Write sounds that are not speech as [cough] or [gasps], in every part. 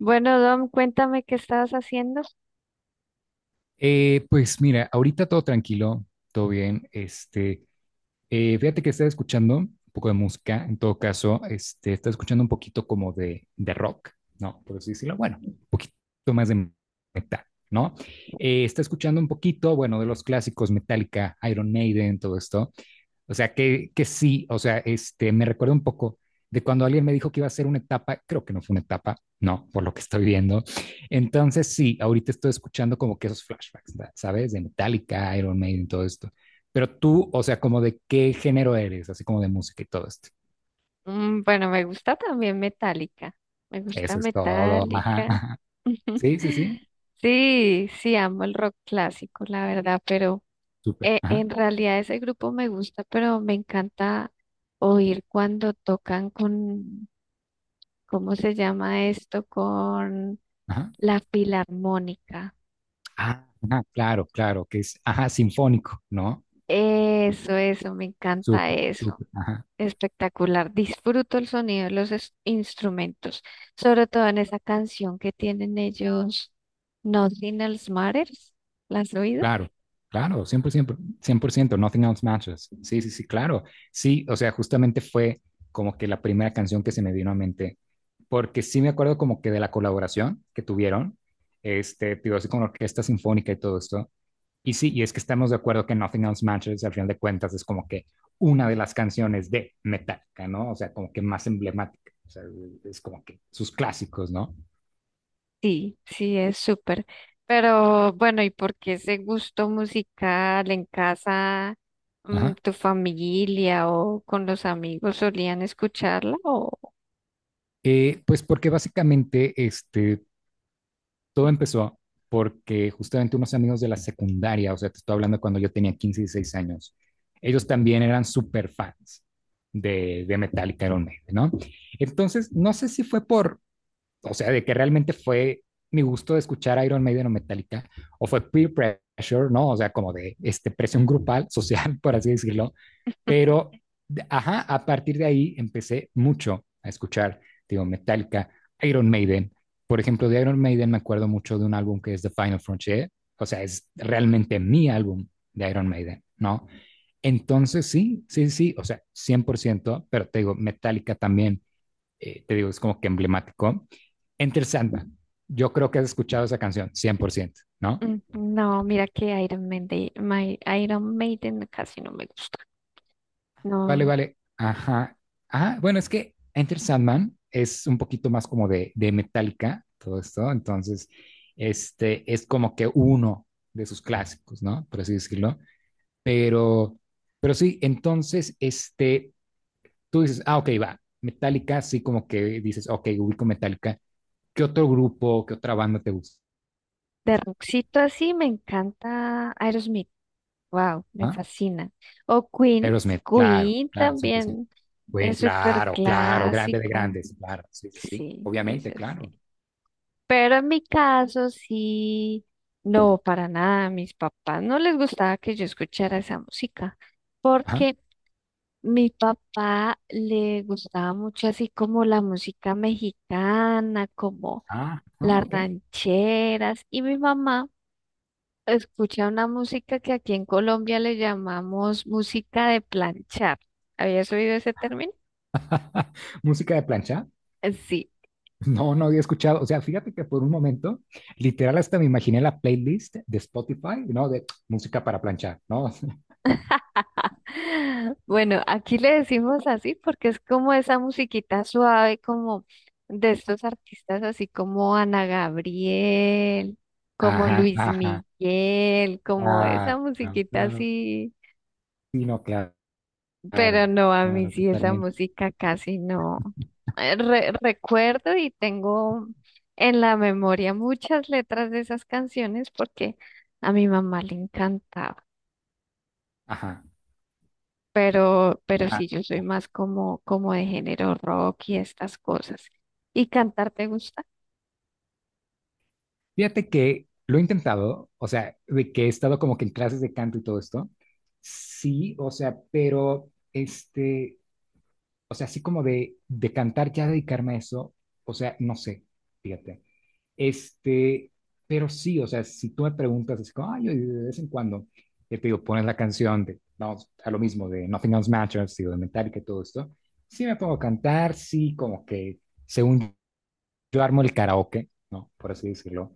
Bueno, Dom, cuéntame qué estabas haciendo. Pues mira, ahorita todo tranquilo, todo bien. Fíjate que estaba escuchando un poco de música, en todo caso, estaba escuchando un poquito como de, rock, ¿no? Por así decirlo, bueno, un poquito más de, ¿no? Está escuchando un poquito, bueno, de los clásicos, Metallica, Iron Maiden, todo esto. O sea, que sí, o sea, me recuerda un poco de cuando alguien me dijo que iba a ser una etapa, creo que no fue una etapa, no, por lo que estoy viendo. Entonces, sí, ahorita estoy escuchando como que esos flashbacks, ¿sabes? De Metallica, Iron Maiden, todo esto. Pero tú, o sea, como de qué género eres, así como de música y todo esto. Bueno, me gusta también Metallica. Me gusta Eso es todo. Ajá, Metallica. ajá. [gasps] Sí, sí, sí. [laughs] Sí, sí, amo el rock clásico, la verdad, pero Súper. Ajá, en realidad ese grupo me gusta, pero me encanta oír cuando tocan con, ¿cómo se llama esto? Con ajá. la filarmónica. Ah, ajá, claro, claro, que es, ajá, sinfónico, ¿no? Eso, me encanta Súper, eso. súper. Ajá. Espectacular, disfruto el sonido de los instrumentos, sobre todo en esa canción que tienen ellos, Nothing Else Matters, ¿la has oído? Claro, claro, cien por ciento, 100%. Nothing Else Matches. Sí, sí, sí, claro. Sí, o sea, justamente fue como que la primera canción que se me vino a mente, porque sí me acuerdo como que de la colaboración que tuvieron, digo, así con la orquesta sinfónica y todo esto. Y sí, y es que estamos de acuerdo que Nothing Else Matches, al final de cuentas, es como que una de las canciones de Metallica, ¿no? O sea, como que más emblemática. O sea, es como que sus clásicos, ¿no? Sí, sí, es súper, pero bueno, ¿y por qué ese gusto musical en casa, mm, Ajá. tu familia o con los amigos solían escucharla o Pues porque básicamente, todo empezó porque justamente unos amigos de la secundaria, o sea, te estoy hablando cuando yo tenía 15 y 16 años, ellos también eran súper fans de, Metallica Iron Maiden, ¿no? Entonces, no sé si fue por, o sea, de que realmente fue mi gusto de escuchar Iron Maiden o Metallica, o fue peer pressure, ¿no? O sea, como de este presión grupal, [laughs] social, por así decirlo, pero, ajá, a partir de ahí empecé mucho a escuchar, digo, Metallica, Iron Maiden. Por ejemplo, de Iron Maiden me acuerdo mucho de un álbum que es The Final Frontier. O sea, es realmente mi álbum de Iron Maiden, ¿no? Entonces, sí, sí, sí, o sea, 100%, pero te digo, Metallica también, te digo, es como que emblemático. Enter Sandman, yo creo que has escuchado esa canción, 100%, ¿no? No, mira que Iron Maiden, Iron Maiden casi no me gusta, Vale, no. vale. Ajá. Ah, bueno, es que Enter Sandman es un poquito más como de, Metallica, todo esto. Entonces, este es como que uno de sus clásicos, ¿no? Por así decirlo. Pero, pero sí, entonces, tú dices, ah, ok, va. Metallica, sí, como que dices, ok, ubico Metallica. ¿Qué otro grupo, qué otra banda te gusta? De rockcito así me encanta Aerosmith. Wow, me Ah, fascina. O Queen, Aerosmith, claro, Queen claro, 100%. también Bueno, es súper claro, claro, grande de clásico. grandes, claro, sí, sí, sí, Sí, obviamente, eso sí. claro. Pero en mi caso sí, no, para nada. A mis papás no les gustaba que yo escuchara esa música porque mi papá le gustaba mucho así como la música mexicana, como Ah, ah, las ok. rancheras y mi mamá. Escucha una música que aquí en Colombia le llamamos música de planchar. ¿Habías oído ese término? [laughs] Música de plancha. Sí. [gasps] No, no había escuchado. O sea, fíjate que por un momento, literal, hasta me imaginé la playlist de Spotify, ¿no? De música para planchar, ¿no? [laughs] [laughs] Bueno, aquí le decimos así porque es como esa musiquita suave, como de estos artistas así como Ana Gabriel, como Ajá, Luis ajá. Miguel, como esa Claro, musiquita claro. así. Sí, no, claro, claro, Pero no, a mí claro, sí esa totalmente. música casi no. Recuerdo y tengo en la memoria muchas letras de esas canciones porque a mi mamá le encantaba. Ajá. Pero Ah. sí, yo soy más como, como de género rock y estas cosas. ¿Y cantar te gusta? Fíjate que lo he intentado, o sea, de que he estado como que en clases de canto y todo esto. Sí, o sea, pero o sea, así como de, cantar, ya dedicarme a eso, o sea, no sé, fíjate. Este, pero sí, o sea, si tú me preguntas, es como, ay, yo de vez en cuando, te digo, pones la canción de, vamos, a lo mismo, de Nothing Else Matters, digo, de Metallica y todo esto, sí me pongo a cantar, sí, como que, según yo armo el karaoke, ¿no? Por así decirlo.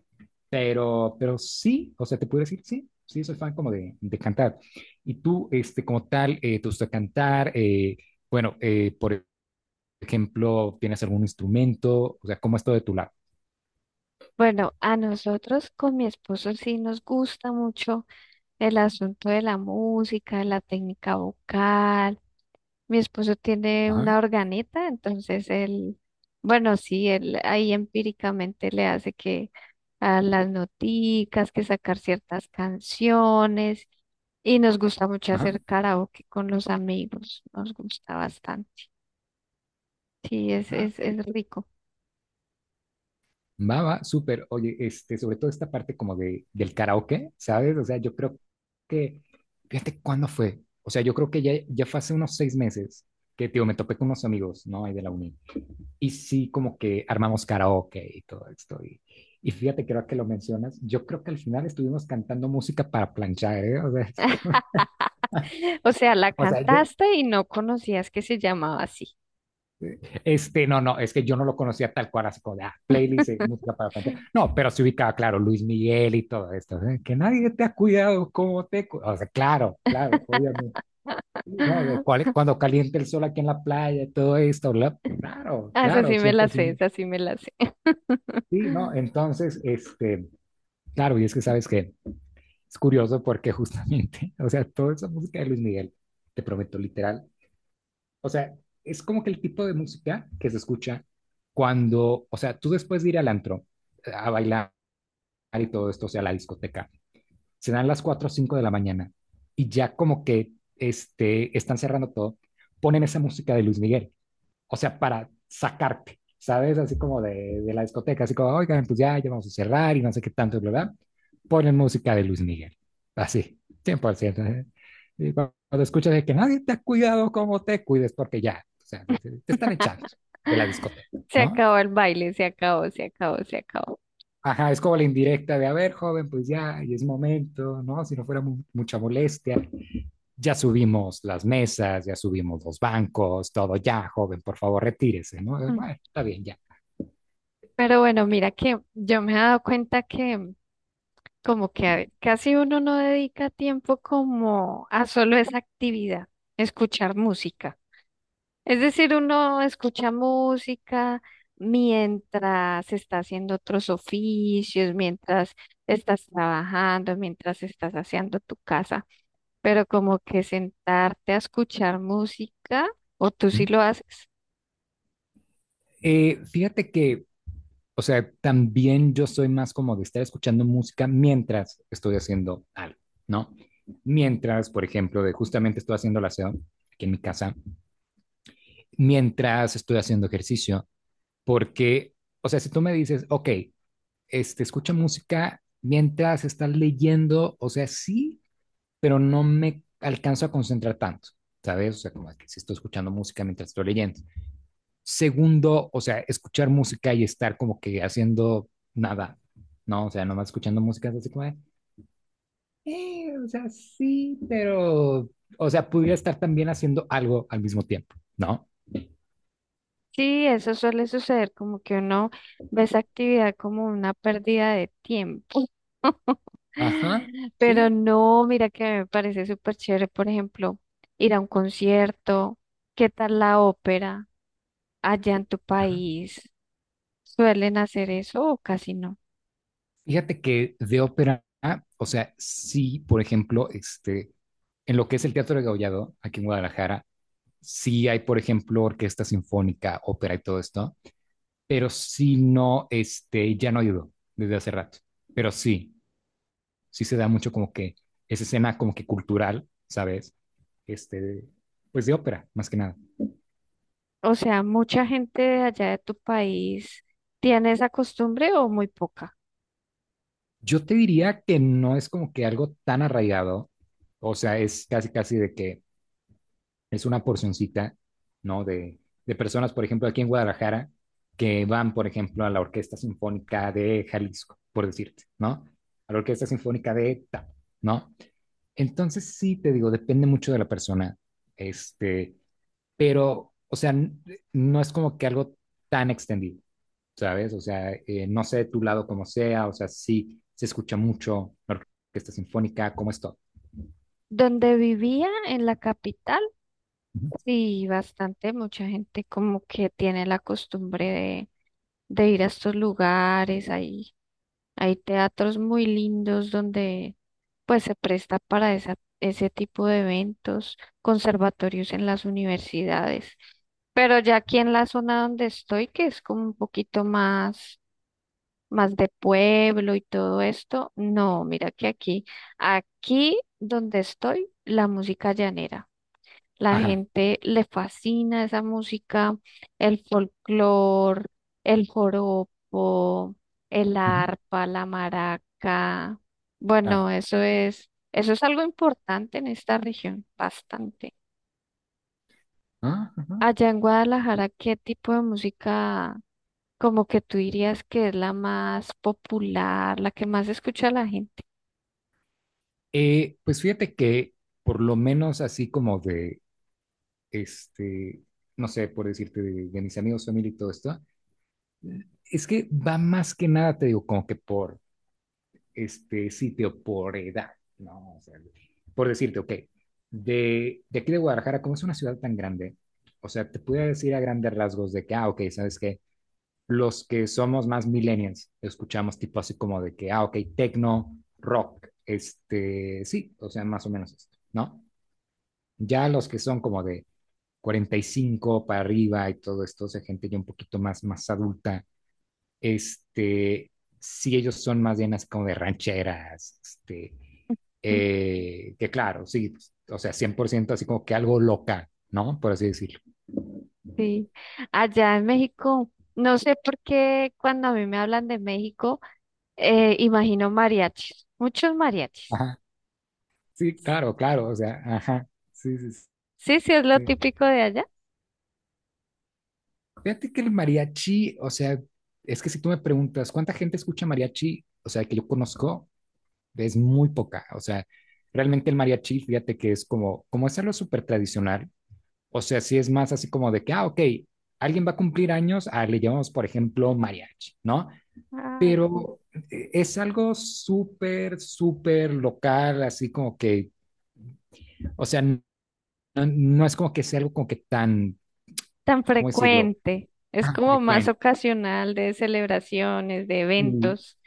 Pero sí, o sea, te puedo decir, sí, sí, soy fan como de, cantar. Y tú, como tal, te gusta cantar, bueno, por ejemplo, tienes algún instrumento, o sea, cómo es todo de tu lado. Bueno, a nosotros con mi esposo sí nos gusta mucho el asunto de la música, de la técnica vocal. Mi esposo tiene Ajá, una organeta, entonces él, bueno, sí, él ahí empíricamente le hace que a las noticas, que sacar ciertas canciones, y nos gusta mucho ajá. hacer karaoke con los amigos, nos gusta bastante. Sí, es, Ah, es, es rico. va, va, súper. Oye, sobre todo esta parte como de, del karaoke, ¿sabes? O sea, yo creo que, fíjate cuándo fue. O sea, yo creo que ya, ya fue hace unos 6 meses que, tío, me topé con unos amigos, ¿no? Ahí de la uni. Y sí, como que armamos karaoke y todo esto. Y fíjate, creo que lo mencionas. Yo creo que al final estuvimos cantando música para planchar, ¿eh? O sea, [laughs] [laughs] O sea, la o sea, ya- cantaste y no conocías que se llamaba así. No, no, es que yo no lo conocía tal cual, así como de ah, playlist, música para planchar. No, pero se ubicaba, claro, Luis Miguel y todo esto. ¿Eh? Que nadie te ha cuidado como te. O sea, claro, claro, obviamente. Sí, ¿no? De [laughs] cuál, cuando calienta el sol aquí en la playa, todo esto, claro, Ah, esa claro, sí me la sé, 100%. esa sí me la sé. [laughs] Sí, ¿no? Entonces, claro, y es que sabes que es curioso porque justamente, [laughs] o sea, toda esa música de Luis Miguel, te prometo, literal, o sea, es como que el tipo de música que se escucha cuando, o sea, tú después de ir al antro a bailar y todo esto, o sea, a la discoteca, se dan las 4 o 5 de la mañana y ya como que están cerrando todo, ponen esa música de Luis Miguel, o sea, para sacarte, ¿sabes? Así como de, la discoteca, así como, oigan, pues ya, ya vamos a cerrar y no sé qué tanto, ¿verdad? Ponen música de Luis Miguel, así, 100%. Y cuando escuchas de que nadie te ha cuidado como te cuides, porque ya, o sea, te están echando de la [laughs] discoteca, Se ¿no? acabó el baile, se acabó, se acabó, se acabó. Ajá, es como la indirecta de, a ver, joven, pues ya, y es momento, ¿no? Si no fuera mucha molestia, ya subimos las mesas, ya subimos los bancos, todo, ya, joven, por favor, retírese, ¿no? Mm. bueno, está bien, ya. Pero bueno, mira que yo me he dado cuenta que como que casi uno no dedica tiempo como a solo esa actividad, escuchar música. Es Ajá. decir, uno escucha música mientras está haciendo otros oficios, mientras estás trabajando, mientras estás haciendo tu casa, pero como que sentarte a escuchar música, o tú sí ¿Mm? lo haces. Fíjate que, o sea, también yo soy más como de estar escuchando música mientras estoy haciendo algo, ¿no? Mientras, por ejemplo, de justamente estoy haciendo la aseo aquí en mi casa, mientras estoy haciendo ejercicio, porque, o sea, si tú me dices, ok, escucha música mientras estás leyendo, o sea, sí, pero no me alcanzo a concentrar tanto, ¿sabes? O sea, como que si estoy escuchando música mientras estoy leyendo. Segundo, o sea, escuchar música y estar como que haciendo nada, ¿no? O sea, nomás escuchando música es así como, de, o sea, sí, pero, o sea, pudiera estar también haciendo algo al mismo tiempo, ¿no? Sí, eso suele suceder, como que uno ve esa actividad como una pérdida de tiempo. [laughs] Ajá, Pero sí. no, mira que a mí me parece súper chévere, por ejemplo, ir a un concierto. ¿Qué tal la ópera? Allá en tu Ajá. país, ¿suelen hacer eso o casi no? Fíjate que de ópera, o sea, sí, por ejemplo, en lo que es el Teatro de Gaullado, aquí en Guadalajara, sí hay, por ejemplo, orquesta sinfónica, ópera y todo esto, pero sí no, ya no ayudó desde hace rato, pero sí, sí se da mucho como que esa escena como que cultural, ¿sabes? Este, pues de ópera, más que nada. O sea, ¿mucha gente de allá de tu país tiene esa costumbre o muy poca? Yo te diría que no es como que algo tan arraigado, o sea, es casi, casi de que es una porcioncita, ¿no? De, personas, por ejemplo, aquí en Guadalajara, que van, por ejemplo, a la Orquesta Sinfónica de Jalisco, por decirte, ¿no? A la Orquesta Sinfónica de tal, ¿no? Entonces, sí, te digo, depende mucho de la persona, este, pero, o sea, no es como que algo tan extendido, ¿sabes? O sea, no sé de tu lado cómo sea, o sea, sí se escucha mucho la orquesta sinfónica, ¿cómo es todo? Donde vivía en la capital, Ujú. sí, bastante, mucha gente como que tiene la costumbre de ir a estos lugares ahí. Hay teatros muy lindos donde pues se presta para esa, ese tipo de eventos, conservatorios en las universidades. Pero ya aquí en la zona donde estoy, que es como un poquito más, más de pueblo y todo esto, no, mira que aquí, aquí donde estoy, la música llanera. La Ajá, gente le fascina esa música, el folclor, el joropo, el ujú, arpa, la maraca. claro. Bueno, eso es algo importante en esta región, bastante. Ah, ajá. Allá en Guadalajara, ¿qué tipo de música como que tú dirías que es la más popular, la que más escucha la gente? Pues fíjate que por lo menos así como de, este, no sé, por decirte, de, mis amigos, familia y todo esto, eh, es que va más que nada, te digo, como que por este sitio por edad, ¿no? O sea, por decirte, ok, de, aquí de Guadalajara, como es una ciudad tan grande, o sea, te puedo decir a grandes rasgos de que, ah, ok, ¿sabes qué? Los que somos más millennials, escuchamos tipo así como de que, ah, ok, techno, rock, sí, o sea, más o menos esto, ¿no? Ya los que son como de 45 para arriba y todo esto, o sea, gente ya un poquito más, más adulta, este, sí, ellos son más bien así como de rancheras, [laughs] que claro, sí, pues, o sea, 100% así como que algo local, ¿no? Por así decirlo. Sí. Allá en México, no sé por qué cuando a mí me hablan de México, imagino mariachis, muchos mariachis. Ajá, sí, claro, claro, o sea, ajá, sí, sí, Sí, sí, es lo sí. típico de allá. Fíjate que el mariachi, o sea, es que si tú me preguntas, ¿cuánta gente escucha mariachi? O sea, que yo conozco, es muy poca, o sea, realmente el mariachi, fíjate que es como, como es algo súper tradicional. O sea, sí es más así como de que, ah, ok, alguien va a cumplir años, ah, le llamamos, por ejemplo, mariachi, ¿no? Ay, no Pero es algo súper, súper local, así como que, o sea, no, no es como que sea algo como que tan, tan ¿cómo decirlo? frecuente. Es Tan como más frecuente. ocasional de celebraciones, de Sí, eventos.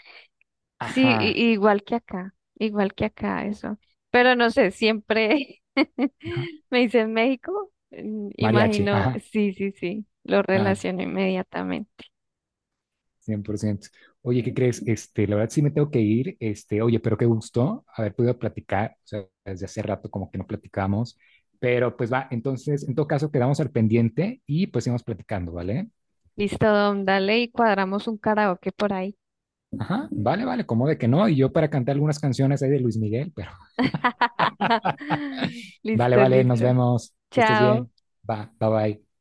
Sí, ajá, igual que acá, eso. Pero no sé, siempre ajá, [laughs] me dicen México, mm, mariachi, imagino, ajá. sí, sí, sí, lo Ah, relaciono inmediatamente. 100%. Oye, ¿qué crees? La verdad sí me tengo que ir. Oye, pero qué gusto haber podido platicar. O sea, desde hace rato como que no platicamos. Pero pues va, entonces, en todo caso, quedamos al pendiente y pues seguimos platicando, ¿vale? Listo, Dom, dale y cuadramos un karaoke por ahí. Ajá, vale, vale, como de que no. Y yo para cantar algunas canciones ahí de Luis Miguel, pero [laughs] vale, Listo, vale, nos listo. vemos. Que estés Chao. bien. Va, bye bye.